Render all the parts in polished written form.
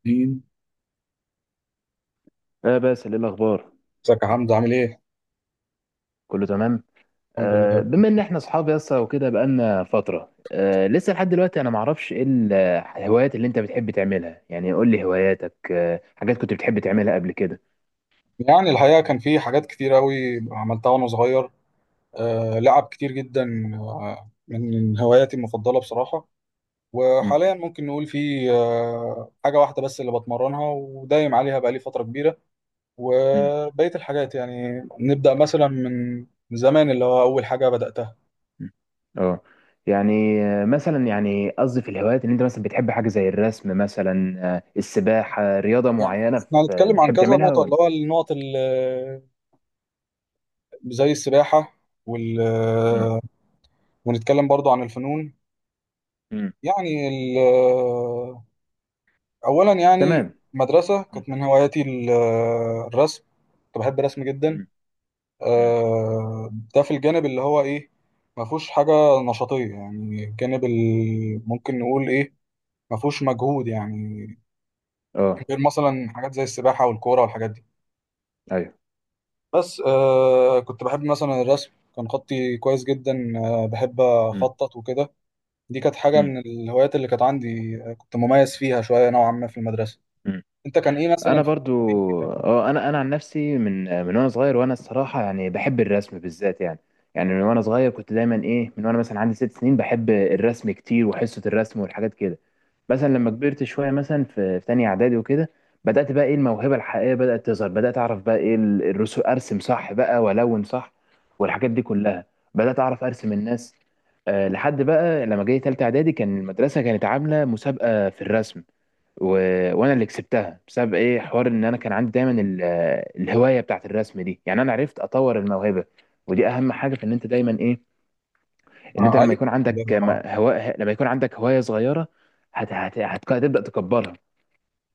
اتنين. بس ايه الاخبار؟ ازيك يا حمزة عامل ايه؟ كله تمام. الحمد لله. بما ان احنا اصحاب يسا وكده بقالنا فتره، لسه لحد دلوقتي انا ما اعرفش ايه الهوايات اللي انت بتحب تعملها، يعني قول لي هواياتك. حاجات كنت بتحب تعملها قبل كده. يعني الحقيقة كان في حاجات كتير قوي عملتها وانا صغير. آه لعب كتير جدا. آه من هواياتي المفضلة بصراحة. مم، وحاليا ممكن نقول في حاجة واحدة بس اللي بتمرنها ودايم عليها بقالي فترة كبيرة. مم، وبقية الحاجات يعني نبدأ مثلا من زمان اللي هو أول حاجة بدأتها. مم. اه، يعني مثلا يعني قصدي في الهوايات ان انت مثلا بتحب حاجه زي الرسم مثلا، السباحه، رياضه يعني معينه احنا في هنتكلم عن بتحب كذا تعملها نقطة اللي ولا؟ هو النقط اللي زي السباحة وال... مم، آه، ونتكلم برضو عن الفنون. مم. يعني ال- أولا يعني تمام. مدرسة مم، كانت من هواياتي الرسم. كنت بحب الرسم جدا. مم، مم. ده في الجانب اللي هو إيه، ما فيهوش حاجة نشاطية، يعني الجانب ممكن نقول إيه، ما فيهوش مجهود يعني، اه. غير مثلا حاجات زي السباحة والكورة والحاجات دي. ايوه. بس كنت بحب مثلا الرسم، كان خطي كويس جدا. بحب أخطط وكده. دي كانت حاجة مم، من الهوايات اللي كانت عندي. كنت مميز فيها شوية نوعا ما في المدرسة. مم. انت كان ايه مثلا انا في برضو الحتة دي؟ اه. انا عن نفسي من وانا صغير، وانا الصراحه يعني بحب الرسم بالذات يعني. يعني من وانا صغير كنت دايما ايه، من وانا مثلا عندي 6 سنين بحب الرسم كتير وحصه الرسم والحاجات كده. مثلا لما كبرت شويه مثلا في تانية اعدادي وكده، بدات بقى ايه الموهبه الحقيقيه بدات تظهر، بدات اعرف بقى ايه الرسم، ارسم صح بقى والون صح والحاجات دي كلها. بدات اعرف ارسم الناس. آه، لحد بقى لما جاي تالتة اعدادي كان المدرسه كانت عامله مسابقه في الرسم، و... وانا اللي كسبتها بسبب ايه، حوار ان انا كان عندي دايما الهوايه بتاعت الرسم دي، يعني انا عرفت اطور الموهبه. ودي اهم حاجه، في ان انت دايما ايه، ان انت آه لما ايوه يكون عندك ال- هواء، لما يكون عندك هوايه صغيره هتبدا تكبرها.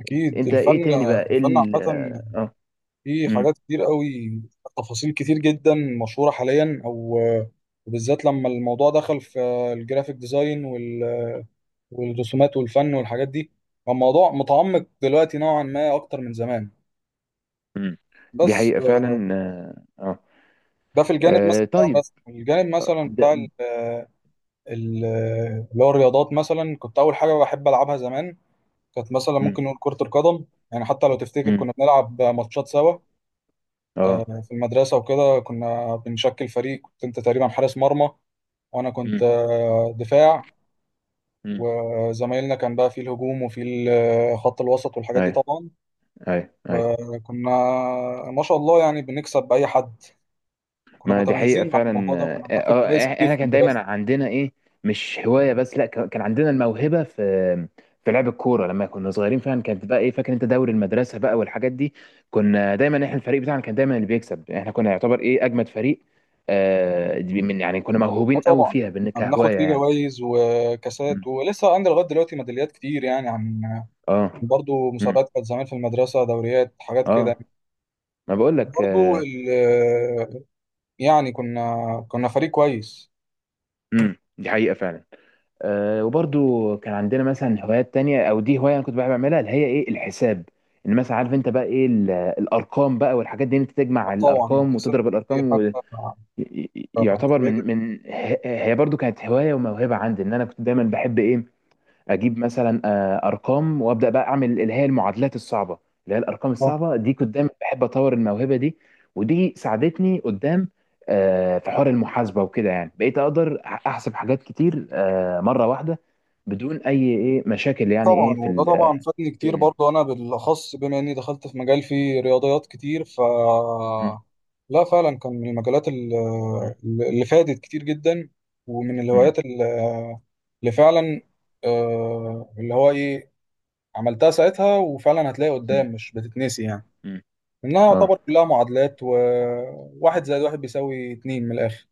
اكيد انت ايه الفن. تاني بقى ايه الفن ال... عامه اه. فيه امم. حاجات كتير قوي، تفاصيل كتير جدا، مشهوره حاليا او وبالذات لما الموضوع دخل في الجرافيك ديزاين والرسومات والفن والحاجات دي. فالموضوع متعمق دلوقتي نوعا ما اكتر من زمان. امم. دي بس حقيقه فعلا. اه آه. ده في الجانب مثلا آه، بتاع، طيب. بس الجانب مثلا بتاع ده... ال- اللي هو الرياضات مثلا، كنت اول حاجه بحب العبها زمان كانت مثلا امم. ممكن نقول كرة القدم. يعني حتى لو تفتكر امم. كنا بنلعب ماتشات سوا اه. يعني في المدرسة وكده، كنا بنشكل فريق، كنت انت تقريبا حارس مرمى وانا كنت امم. دفاع، امم. وزمايلنا كان بقى في الهجوم وفي خط الوسط والحاجات دي ايوه. طبعا. ايوه، ايوه. وكنا ما شاء الله يعني بنكسب بأي حد، كنا ما دي حقيقة متميزين عن فعلا. الموضوع ده وكنا بناخد اه جوائز آه، كتير احنا في كان المدرسة. دايما عندنا ايه، مش هواية بس، لا كان عندنا الموهبة في في لعب الكورة لما كنا صغيرين فعلا. كانت بقى ايه، فاكر انت دوري المدرسة بقى والحاجات دي؟ كنا دايما احنا، الفريق بتاعنا كان دايما اللي بيكسب، احنا كنا يعتبر ايه اجمد فريق. آه دي من، يعني كنا اه موهوبين قوي طبعا فيها، كنا بناخد كهواية فيه يعني. جوائز وكاسات، مم. ولسه عندي لغاية دلوقتي ميداليات كتير يعني عن اه. برضو مم. مسابقات كانت زمان في المدرسة، دوريات حاجات كده. اه. ما بقول لك برضه آه. ال- يعني كنا فريق كويس. مم. دي حقيقة فعلا. آه، وبرضو كان عندنا مثلا هوايات تانية، او دي هواية انا كنت بحب اعملها اللي هي ايه، الحساب. ان مثلا عارف انت بقى ايه الارقام بقى والحاجات دي، إن انت تجمع طبعا الارقام حساب وتضرب فيه الارقام، حتى ويعتبر الخليج. من هي برضو كانت هواية وموهبة عندي، ان انا كنت دايما بحب ايه، اجيب مثلا ارقام وابدا بقى اعمل اللي هي المعادلات الصعبه، اللي هي الارقام الصعبه دي، كنت دايما بحب اطور الموهبه دي. ودي ساعدتني قدام في حوار المحاسبه وكده، يعني بقيت اقدر احسب حاجات كتير مره واحده بدون اي ايه مشاكل، يعني طبعا ايه في وده طبعا ال... فادني كتير مم. برضه، انا بالاخص بما اني دخلت في مجال فيه رياضيات كتير ف لا فعلا كان من المجالات مم. اللي فادت كتير جدا، ومن مم. الهوايات اللي فعلا آه، اللي هو ايه عملتها ساعتها، وفعلا هتلاقي مم. قدام مش بتتنسي يعني. مم. انها يعتبر اه. كلها معادلات، وواحد زائد واحد بيساوي اتنين من الاخر،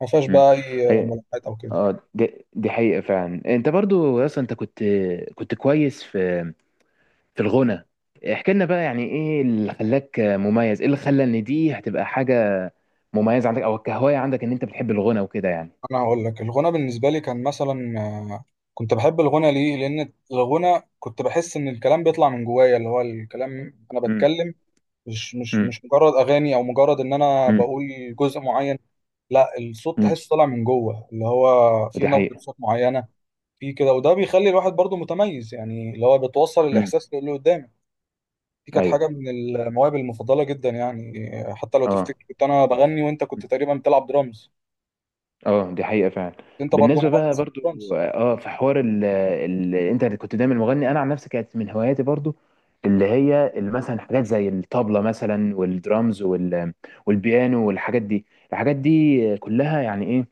ما فيهاش مم. بقى اي هي ملاحظات او كده. اه دي حقيقه فعلا. انت برضو اصلا انت كنت كويس في في الغنى. احكي لنا بقى يعني ايه اللي خلاك مميز، ايه اللي خلى ان دي هتبقى حاجة مميزة عندك او كهواية عندك، ان انت بتحب الغنى وكده يعني. انا هقول لك الغنى بالنسبه لي كان مثلا آه، كنت بحب الغنى ليه، لان الغنى كنت بحس ان الكلام بيطلع من جوايا، اللي هو الكلام انا مم. بتكلم، مش مش مم. مش مجرد اغاني او مجرد ان انا مم. بقول جزء معين، لا، الصوت مم. تحسه طالع من جوه، اللي هو في ودي نبره حقيقة. صوت معينه في كده، وده بيخلي الواحد برضه متميز يعني، اللي هو بتوصل مم. الاحساس اللي قدامك. دي كانت حاجة ايوه. من المواهب المفضلة جدا يعني. حتى لو اه. تفتكر كنت أنا بغني وأنت كنت مم. تقريبا بتلعب درامز. اه دي حقيقة فعلا. أنت برضو بالنسبة بقى مميز في برضو الدرامز. اه، في حوار ال انت كنت دايما مغني، انا عن نفسي كانت من هواياتي برضو اللي هي مثلا حاجات زي الطبلة مثلا والدرامز والبيانو والحاجات دي. الحاجات دي كلها يعني إيه،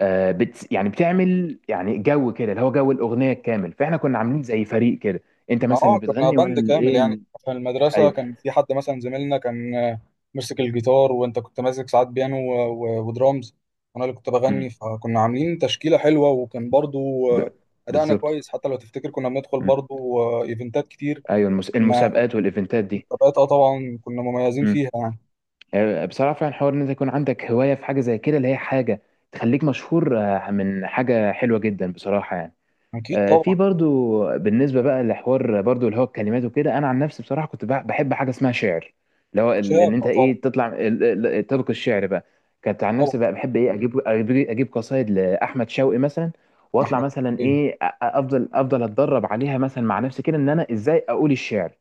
يعني بتعمل يعني جو كده اللي هو جو الاغنيه الكامل، فاحنا كنا عاملين زي فريق كده. انت كنا مثلا اللي كنا بتغني وانا باند اللي كامل ايه يعني. ال... في المدرسة ايوه. كان في حد مثلا زميلنا كان ماسك الجيتار، وأنت كنت ماسك ساعات بيانو ودرامز، وأنا اللي كنت مم. بغني، فكنا عاملين تشكيلة حلوة، وكان برضو ب... أدائنا بالظبط. كويس. حتى لو تفتكر كنا بندخل مم. برضو إيفنتات كتير، ايوه، كنا المسابقات والايفنتات دي. مسابقات. أه طبعا كنا مميزين مم. فيها يعني. آه، بصراحه فعلا حوار ان انت يكون عندك هوايه في حاجه زي كده، اللي هي حاجه تخليك مشهور، من حاجه حلوه جدا بصراحه يعني. أكيد آه، في طبعا. برضو بالنسبه بقى لحوار برضو اللي هو الكلمات وكده، انا عن نفسي بصراحه كنت بحب حاجه اسمها شعر، اللي هو ان شاب انت أه طبعا. ايه، تطلع تلقي الشعر بقى. كنت عن نفسي طبعا بقى بحب ايه، اجيب أجيب قصايد لاحمد شوقي مثلا، واطلع أحمد مثلا إيه؟ ايه، افضل اتدرب عليها مثلا مع نفسي كده، ان انا ازاي اقول الشعر.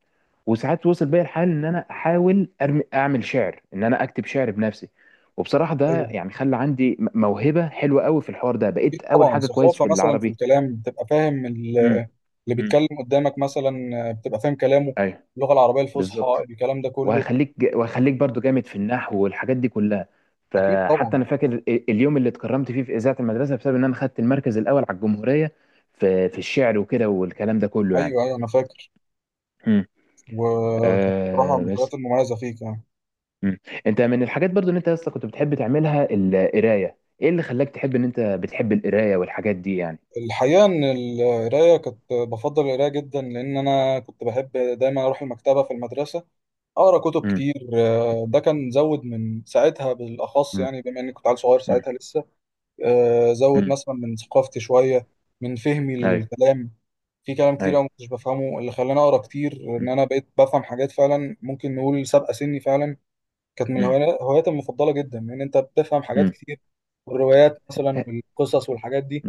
وساعات وصل بيا الحال ان انا احاول اعمل شعر، ان انا اكتب شعر بنفسي. وبصراحه ده ايوه يعني خلى عندي موهبه حلوه قوي في الحوار ده، أكيد بقيت اول طبعا. حاجه كويس ثقافه في مثلا في العربي. الكلام، بتبقى فاهم امم. اللي امم. بيتكلم قدامك مثلا، بتبقى فاهم كلامه، ايوه. اللغه العربيه الفصحى بالظبط. الكلام ده كله. وهخليك برضو جامد في النحو والحاجات دي كلها. اكيد فحتى طبعا. انا فاكر اليوم اللي اتكرمت فيه في اذاعه المدرسه، بسبب ان انا خدت المركز الاول على الجمهوريه في في الشعر وكده والكلام ده كله يعني. ايوه ايوه، انا فاكر. امم. وكانت بصراحه آه من بس. الحاجات المميزه فيك يعني. امم. انت من الحاجات برضو ان انت اصلا كنت بتحب تعملها القرايه، ايه اللي خلاك تحب ان انت بتحب القرايه والحاجات دي يعني؟ الحقيقه ان القرايه كنت بفضل القرايه جدا، لان انا كنت بحب دايما اروح المكتبه في المدرسه، اقرا كتب امم. كتير. ده كان زود من ساعتها بالاخص، امم. يعني بما اني كنت عيل صغير امم. ساعتها لسه. زود امم. مثلا من ثقافتي شويه، من فهمي ايوه. للكلام. في كلام كتير أوي ايوه. ما كنتش بفهمه، اللي خلاني أقرأ كتير، إن امم. أنا بقيت بفهم حاجات فعلا ممكن نقول سابقة سني فعلا. كانت من الهوايات هواياتي المفضلة جدا، إن أنت بتفهم حاجات امم. كتير، والروايات مثلا امم. والقصص والحاجات دي.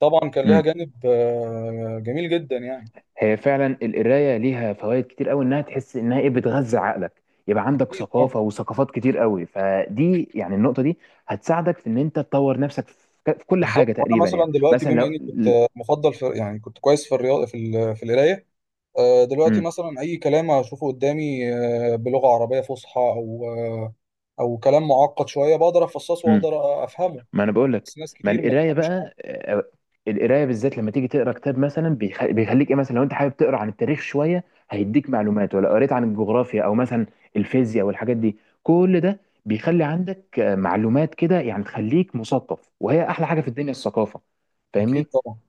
طبعا كان ليها امم. جانب جميل جدا يعني. هي فعلا القرايه ليها فوائد كتير قوي، انها تحس انها ايه، بتغذي عقلك، يبقى عندك أكيد أه. ثقافه وثقافات كتير قوي، فدي يعني النقطه دي هتساعدك في ان انت تطور نفسك في في كل بالظبط. حاجه وأنا تقريبا، يعني مثلا دلوقتي مثلا بما لو إني كنت مفضل في، يعني كنت كويس في الرياضة في في القراية. دلوقتي م- مثلا أي كلام أشوفه قدامي بلغة عربية فصحى أو أو كلام معقد شوية، بقدر أفصصه م- وأقدر أفهمه. ما انا بقول لك. بس ناس ما كتير ما القرايه تفهمش حاجة. بقى آه، القرايه بالذات لما تيجي تقرا كتاب مثلا بيخليك ايه، مثلا لو انت حابب تقرا عن التاريخ شويه هيديك معلومات، ولا قريت عن الجغرافيا او مثلا الفيزياء والحاجات دي، كل ده بيخلي عندك معلومات كده يعني، تخليك مثقف، وهي احلى حاجه في الدنيا الثقافه. أكيد فاهمني. طبعا.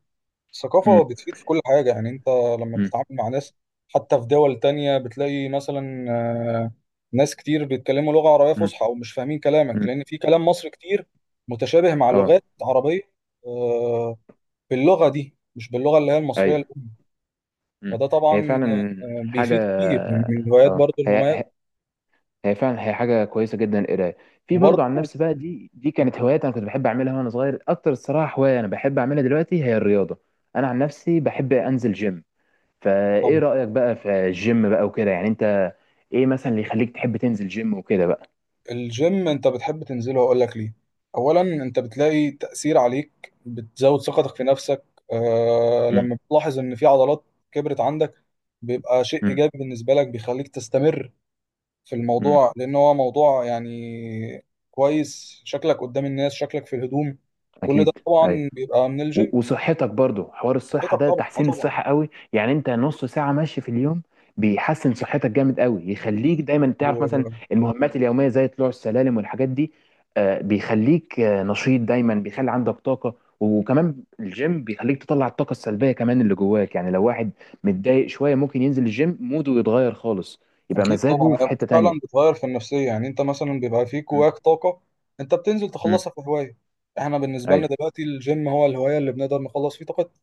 الثقافة مم. بتفيد في كل حاجة، يعني أنت لما مم. بتتعامل مع ناس حتى في دول تانية، بتلاقي مثلا ناس كتير بيتكلموا لغة عربية مم. فصحى ومش فاهمين كلامك، مم. لأن في كلام مصري كتير متشابه مع اه. لغات عربية آه، باللغة دي مش باللغة اللي هي المصرية ايوه. الأم. مم. فده هي طبعا فعلا حاجه. بيفيد كتير، من الهوايات اه برضو المميزة. هي فعلا هي حاجه كويسه جدا القرايه. في برضو عن وبرضو نفسي بقى، دي كانت هوايات انا كنت بحب اعملها وانا صغير. اكتر الصراحه هوايه انا بحب اعملها دلوقتي هي الرياضه. انا عن نفسي بحب انزل جيم. فايه رايك بقى في الجيم بقى وكده يعني انت، ايه مثلا اللي يخليك تحب تنزل جيم وكده بقى؟ الجيم انت بتحب تنزله، هقول لك ليه. اولا انت بتلاقي تأثير عليك، بتزود ثقتك في نفسك. آه امم. لما بتلاحظ ان في عضلات كبرت عندك، بيبقى شيء امم. ايجابي بالنسبة لك، بيخليك تستمر في امم. الموضوع، لان هو موضوع يعني كويس، شكلك قدام الناس، شكلك في الهدوم، كل ده اكيد أيوة. طبعا بيبقى من الجيم. وصحتك برضو حوار الصحة حياتك ده، طبعا اه تحسين طبعا. الصحة قوي يعني، انت نص ساعة ماشي في اليوم بيحسن صحتك جامد قوي، يخليك اكيد. دايما تعرف مثلا المهمات اليومية زي طلوع السلالم والحاجات دي. بيخليك نشيط دايما، بيخلي عندك طاقة، وكمان الجيم بيخليك تطلع الطاقة السلبية كمان اللي جواك. يعني لو واحد متضايق شوية ممكن ينزل الجيم موده يتغير خالص، يبقى اكيد طبعا. مزاجه في هي حتة فعلا تانية. بتغير في النفسيه يعني. انت مثلا بيبقى فيك مم. جواك طاقه، انت بتنزل مم. تخلصها في هوايه. احنا بالنسبه لنا ايوه. دلوقتي الجيم هو الهوايه اللي بنقدر نخلص فيه طاقتنا.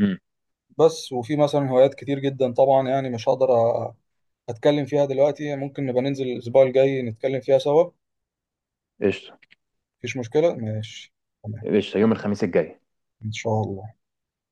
مم. بس وفي مثلا هوايات كتير جدا طبعا، يعني مش اتكلم فيها دلوقتي، ممكن نبقى ننزل الاسبوع الجاي نتكلم فيها سوا. قشطة. مفيش مشكله ماشي. تمام. قشطة، يوم الخميس الجاي. ان شاء الله.